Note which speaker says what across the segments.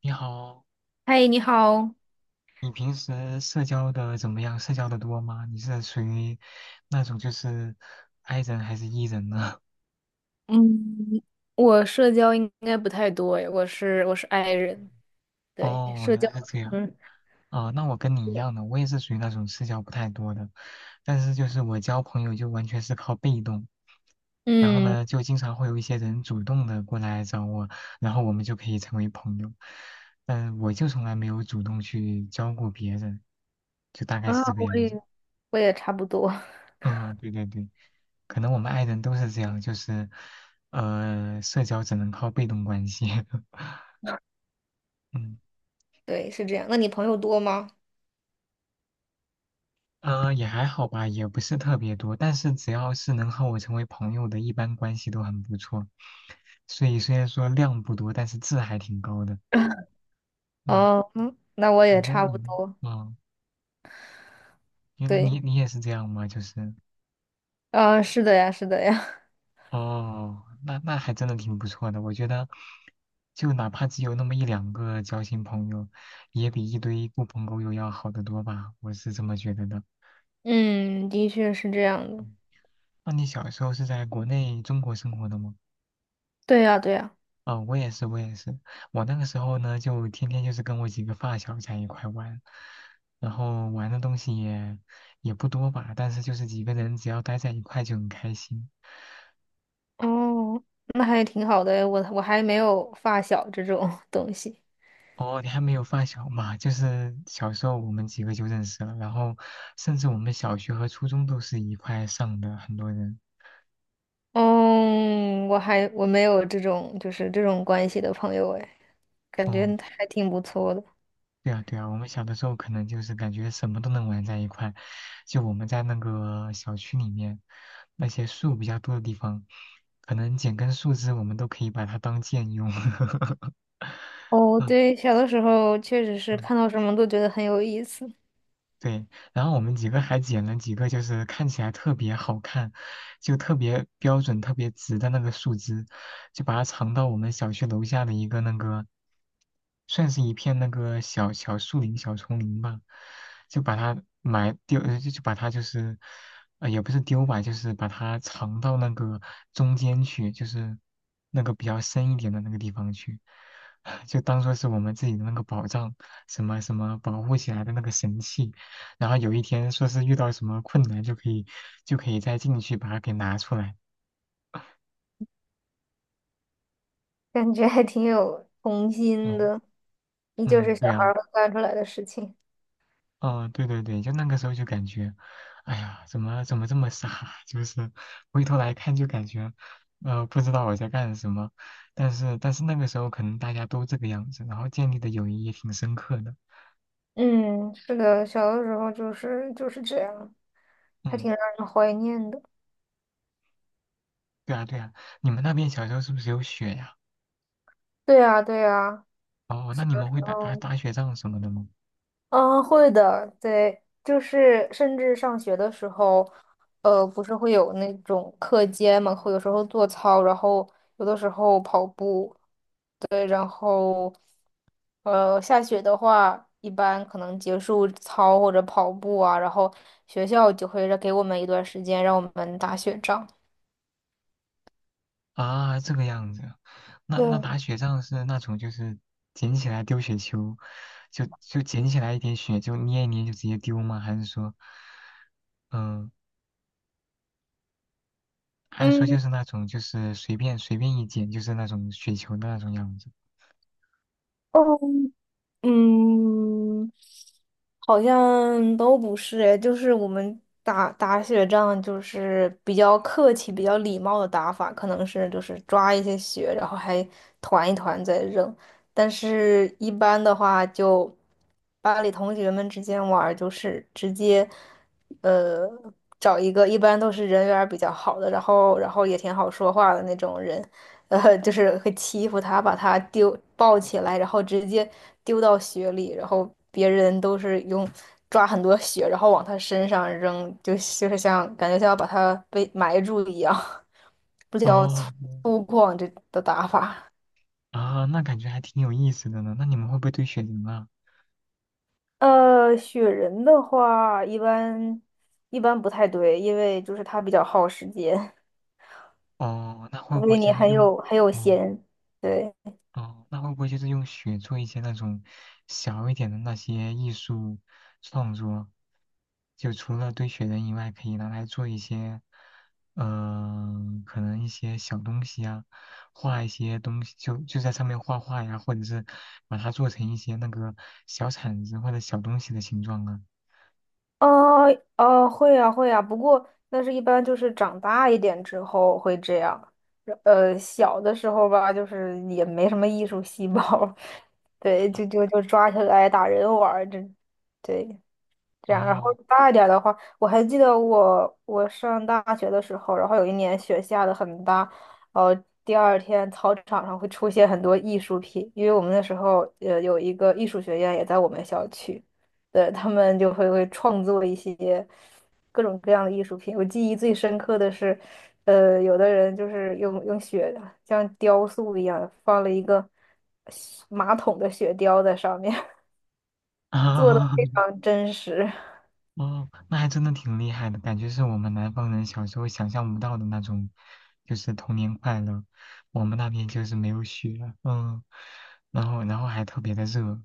Speaker 1: 你好，
Speaker 2: 嗨，你好。
Speaker 1: 你平时社交的怎么样？社交的多吗？你是属于那种就是 I 人还是 E 人呢？
Speaker 2: 嗯，我社交应该不太多诶，我是 i 人，对，
Speaker 1: 哦，
Speaker 2: 社
Speaker 1: 原
Speaker 2: 交，
Speaker 1: 来是这样。
Speaker 2: 嗯
Speaker 1: 哦，那我跟你一样的，我也是属于那种社交不太多的，但是就是我交朋友就完全是靠被动，然后
Speaker 2: 嗯
Speaker 1: 呢，就经常会有一些人主动的过来找我，然后我们就可以成为朋友，嗯，我就从来没有主动去交过别人，就大概
Speaker 2: 啊，
Speaker 1: 是这个
Speaker 2: 我
Speaker 1: 样子。
Speaker 2: 也 我也差不多。
Speaker 1: 嗯，对对对，可能我们爱人都是这样，就是，社交只能靠被动关系。嗯，
Speaker 2: 对，是这样。那你朋友多吗？
Speaker 1: 也还好吧，也不是特别多，但是只要是能和我成为朋友的，一般关系都很不错。所以虽然说量不多，但是质还挺高的。嗯，
Speaker 2: 哦，那我也
Speaker 1: 你呢？
Speaker 2: 差不
Speaker 1: 你呢？
Speaker 2: 多，
Speaker 1: 嗯，原来你
Speaker 2: 对，
Speaker 1: 你也是这样吗？就是，
Speaker 2: 啊，是的呀，是的呀。
Speaker 1: 哦，那还真的挺不错的。我觉得，就哪怕只有那么一两个交心朋友，也比一堆狐朋狗友要好得多吧。我是这么觉得的。
Speaker 2: 嗯，的确是这样的。
Speaker 1: 嗯，那你小时候是在国内中国生活的吗？
Speaker 2: 对呀，对呀，
Speaker 1: 哦，我也是，我也是。我那个时候呢，就天天就是跟我几个发小在一块玩，然后玩的东西也不多吧，但是就是几个人只要待在一块就很开心。
Speaker 2: 哦，那还挺好的诶，我还没有发小这种 东西。
Speaker 1: 哦，你还没有发小嘛？就是小时候我们几个就认识了，然后甚至我们小学和初中都是一块上的，很多人。
Speaker 2: 嗯，我还没有这种关系的朋友诶。感觉
Speaker 1: 哦，
Speaker 2: 还挺不错的。
Speaker 1: 对啊，对啊，我们小的时候可能就是感觉什么都能玩在一块，就我们在那个小区里面，那些树比较多的地方，可能剪根树枝我们都可以把它当剑用。
Speaker 2: 哦，
Speaker 1: 嗯
Speaker 2: 对，小的时候确实是
Speaker 1: 嗯
Speaker 2: 看到什么都觉得很有意思。
Speaker 1: 对，然后我们几个还捡了几个，就是看起来特别好看，就特别标准、特别直的那个树枝，就把它藏到我们小区楼下的一个那个，算是一片那个小小树林、小丛林吧，就把它埋丢，就把它就是，也不是丢吧，就是把它藏到那个中间去，就是那个比较深一点的那个地方去，就当做是我们自己的那个宝藏，什么什么保护起来的那个神器。然后有一天说是遇到什么困难就可以再进去把它给拿出来。
Speaker 2: 感觉还挺有童心
Speaker 1: 嗯
Speaker 2: 的，依旧
Speaker 1: 嗯，
Speaker 2: 是小
Speaker 1: 对
Speaker 2: 孩
Speaker 1: 啊，
Speaker 2: 儿会干出来的事情。
Speaker 1: 嗯对对对，就那个时候就感觉，哎呀，怎么这么傻啊？就是回头来看就感觉，不知道我在干什么。但是那个时候可能大家都这个样子，然后建立的友谊也挺深刻的。
Speaker 2: 嗯，是的，小的时候就是这样，还
Speaker 1: 嗯，
Speaker 2: 挺让人怀念的。
Speaker 1: 对啊对啊，你们那边小时候是不是有雪呀？
Speaker 2: 对啊，对啊，
Speaker 1: 哦，那你们会打打
Speaker 2: 嗯
Speaker 1: 打雪仗什么的吗？
Speaker 2: 嗯，啊会的，对，就是甚至上学的时候，不是会有那种课间嘛，会有时候做操，然后有的时候跑步。对，然后下雪的话，一般可能结束操或者跑步啊，然后学校就会让给我们一段时间让我们打雪仗。
Speaker 1: 啊，这个样子，那
Speaker 2: 对，
Speaker 1: 打雪仗是那种就是捡起来丢雪球，就捡起来一点雪就捏一捏就直接丢吗？还是说，嗯，还是说
Speaker 2: 嗯，
Speaker 1: 就是那种就是随便一捡就是那种雪球的那种样子？
Speaker 2: 哦，嗯。好像都不是诶，就是我们打打雪仗，就是比较客气、比较礼貌的打法，可能是就是抓一些雪，然后还团一团再扔。但是一般的话就，班里同学们之间玩儿，就是直接呃找一个，一般都是人缘儿比较好的，然后也挺好说话的那种人，就是会欺负他，把他丢抱起来，然后直接丢到雪里，然后别人都是用抓很多雪，然后往他身上扔，就是像感觉像要把他被埋住一样，比较
Speaker 1: 哦，
Speaker 2: 粗犷这的打法。
Speaker 1: 啊，那感觉还挺有意思的呢。那你们会不会堆雪人啊？
Speaker 2: 雪人的话，一般不太对，因为就是他比较耗时间，
Speaker 1: 哦，那会
Speaker 2: 除
Speaker 1: 不
Speaker 2: 非
Speaker 1: 会就
Speaker 2: 你
Speaker 1: 是
Speaker 2: 很
Speaker 1: 用，
Speaker 2: 有很有
Speaker 1: 哦
Speaker 2: 闲，对。
Speaker 1: 哦，那会不会就是用雪做一些那种小一点的那些艺术创作？就除了堆雪人以外，可以拿来做一些，嗯、可能一些小东西啊，画一些东西，就在上面画画呀，或者是把它做成一些那个小铲子或者小东西的形状啊。
Speaker 2: 哦哦，会呀会呀，不过那是一般就是长大一点之后会这样，小的时候吧，就是也没什么艺术细胞，对，就抓起来打人玩儿，这，对，这样，然后
Speaker 1: 哦，
Speaker 2: 大一点儿的话，我还记得我上大学的时候，然后有一年雪下的很大，呃，第二天操场上会出现很多艺术品，因为我们那时候有一个艺术学院也在我们校区，对，他们就会创作一些各种各样的艺术品。我记忆最深刻的是，有的人就是用雪像雕塑一样放了一个马桶的雪雕在上面，做的
Speaker 1: 啊，
Speaker 2: 非常真实。
Speaker 1: 哦，那还真的挺厉害的，感觉是我们南方人小时候想象不到的那种，就是童年快乐。我们那边就是没有雪，嗯，然后还特别的热。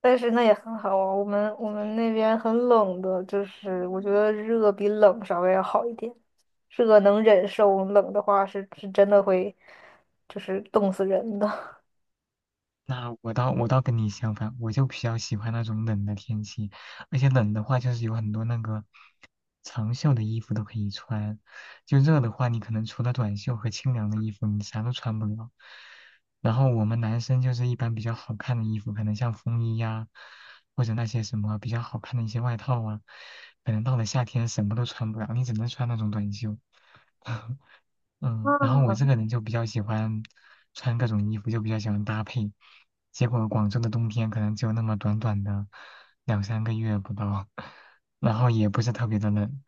Speaker 2: 但是那也很好啊，我们那边很冷的，就是我觉得热比冷稍微要好一点，热能忍受，冷的话是真的会就是冻死人的。
Speaker 1: 那我倒跟你相反，我就比较喜欢那种冷的天气，而且冷的话就是有很多那个长袖的衣服都可以穿，就热的话你可能除了短袖和清凉的衣服你啥都穿不了。然后我们男生就是一般比较好看的衣服，可能像风衣呀、或者那些什么比较好看的一些外套啊，可能到了夏天什么都穿不了，你只能穿那种短袖。嗯，然后我这
Speaker 2: 嗯，
Speaker 1: 个人就比较喜欢穿各种衣服，就比较喜欢搭配。结果广州的冬天可能只有那么短短的两三个月不到，然后也不是特别的冷，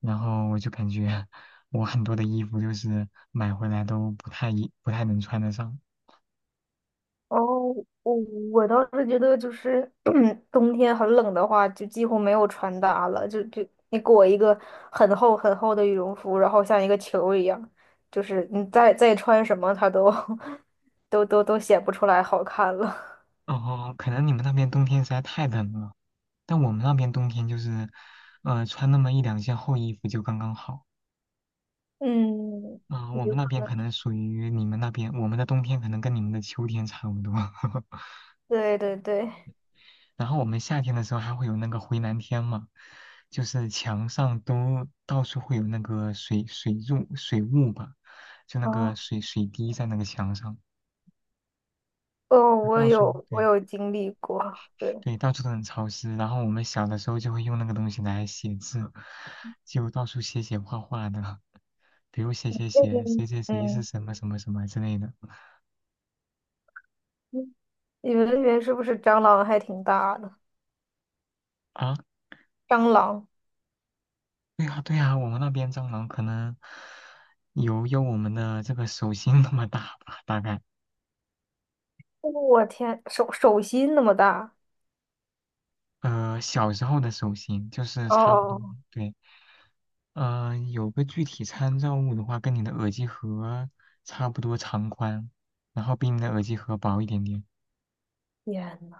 Speaker 1: 然后我就感觉我很多的衣服就是买回来都不太能穿得上。
Speaker 2: 哦，我我倒是觉得就是 冬天很冷的话，就几乎没有穿搭了，就你裹一个很厚很厚的羽绒服，然后像一个球一样，就是你再穿什么，它都 都显不出来好看了。
Speaker 1: 哦，可能你们那边冬天实在太冷了，但我们那边冬天就是，穿那么一两件厚衣服就刚刚好。
Speaker 2: 嗯。
Speaker 1: 啊、我们那边可能属于你们那边，我们的冬天可能跟你们的秋天差不多。
Speaker 2: 对对对，
Speaker 1: 然后我们夏天的时候还会有那个回南天嘛，就是墙上都到处会有那个水柱水雾吧，就那个
Speaker 2: 哦
Speaker 1: 水滴在那个墙上，
Speaker 2: 哦，
Speaker 1: 就
Speaker 2: 我
Speaker 1: 到处
Speaker 2: 有我
Speaker 1: 对
Speaker 2: 有经历过，对，
Speaker 1: 对到处都很潮湿。然后我们小的时候就会用那个东西来写字，就到处写写画画的，比如写写
Speaker 2: 那边
Speaker 1: 写谁谁谁是
Speaker 2: 嗯，
Speaker 1: 什么什么什么之类的
Speaker 2: 嗯你们那边是不是蟑螂还挺大的？
Speaker 1: 啊。
Speaker 2: 蟑螂，
Speaker 1: 对呀，对呀，我们那边蟑螂可能有我们的这个手心那么大吧，大概。
Speaker 2: 哦我天，手心那么大，
Speaker 1: 小时候的手心就是差不多，
Speaker 2: 哦，
Speaker 1: 对。有个具体参照物的话，跟你的耳机盒差不多长宽，然后比你的耳机盒薄一点点。
Speaker 2: 天呐，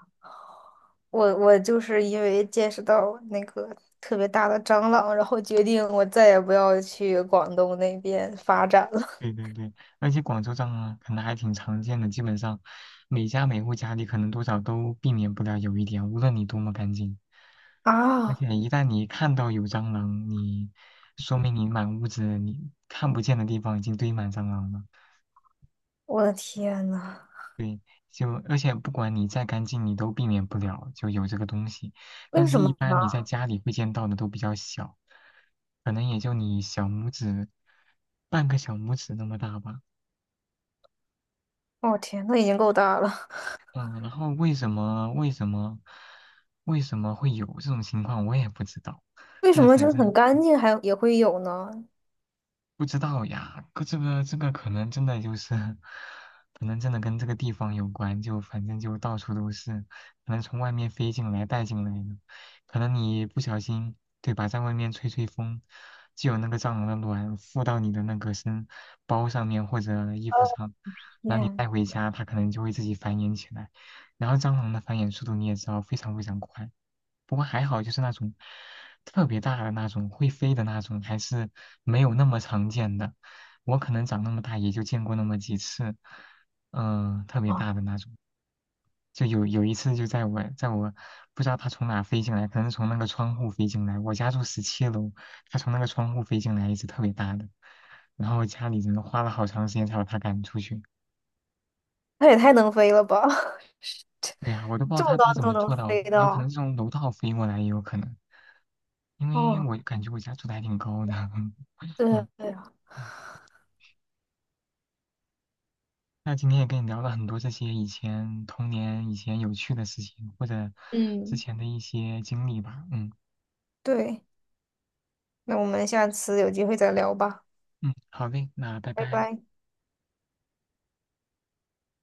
Speaker 2: 我就是因为见识到那个特别大的蟑螂，然后决定我再也不要去广东那边发展了。
Speaker 1: 对对对，而且广州蟑螂可能还挺常见的，基本上每家每户家里可能多少都避免不了有一点，无论你多么干净。而
Speaker 2: 啊，
Speaker 1: 且一旦你看到有蟑螂，你说明你满屋子你看不见的地方已经堆满蟑螂了。
Speaker 2: 我的天呐，
Speaker 1: 对，就而且不管你再干净，你都避免不了就有这个东西。
Speaker 2: 为
Speaker 1: 但是，
Speaker 2: 什么
Speaker 1: 一
Speaker 2: 呢？
Speaker 1: 般你在家里会见到的都比较小，可能也就你小拇指半个小拇指那么大吧。
Speaker 2: 哦天，那已经够大了，
Speaker 1: 嗯，然后为什么会有这种情况，我也不知道。
Speaker 2: 为什
Speaker 1: 但
Speaker 2: 么就
Speaker 1: 反
Speaker 2: 是很
Speaker 1: 正
Speaker 2: 干净还也会有呢？
Speaker 1: 不知道呀，可这个可能真的就是，可能真的跟这个地方有关，就反正就到处都是，可能从外面飞进来带进来的，可能你不小心，对吧，在外面吹吹风，就有那个蟑螂的卵附到你的那个身包上面或者衣服上，然后你
Speaker 2: 耶，
Speaker 1: 带回家，它可能就会自己繁衍起来，然后蟑螂的繁衍速度你也知道非常非常快，不过还好就是那种特别大的那种会飞的那种，还是。没有那么常见的。我可能长那么大也就见过那么几次，嗯、特别
Speaker 2: 啊，
Speaker 1: 大的那种。就有一次就在我不知道它从哪飞进来，可能从那个窗户飞进来。我家住17楼，它从那个窗户飞进来，一只特别大的。然后家里人花了好长时间才把它赶出去。
Speaker 2: 那也太能飞了吧！
Speaker 1: 对呀、我都不知道
Speaker 2: 这么
Speaker 1: 它
Speaker 2: 高
Speaker 1: 它怎
Speaker 2: 都
Speaker 1: 么
Speaker 2: 能
Speaker 1: 做到的，
Speaker 2: 飞
Speaker 1: 有可能
Speaker 2: 到，
Speaker 1: 是从楼道飞过来也有可能，因为
Speaker 2: 哦，
Speaker 1: 我感觉我家住的还挺高的。
Speaker 2: 对
Speaker 1: 嗯
Speaker 2: 对啊，
Speaker 1: 那今天也跟你聊了很多这些以前童年、以前有趣的事情，或者之
Speaker 2: 嗯，
Speaker 1: 前的一些经历吧。嗯
Speaker 2: 对，那我们下次有机会再聊吧，
Speaker 1: 嗯，好嘞，那拜
Speaker 2: 拜
Speaker 1: 拜。
Speaker 2: 拜。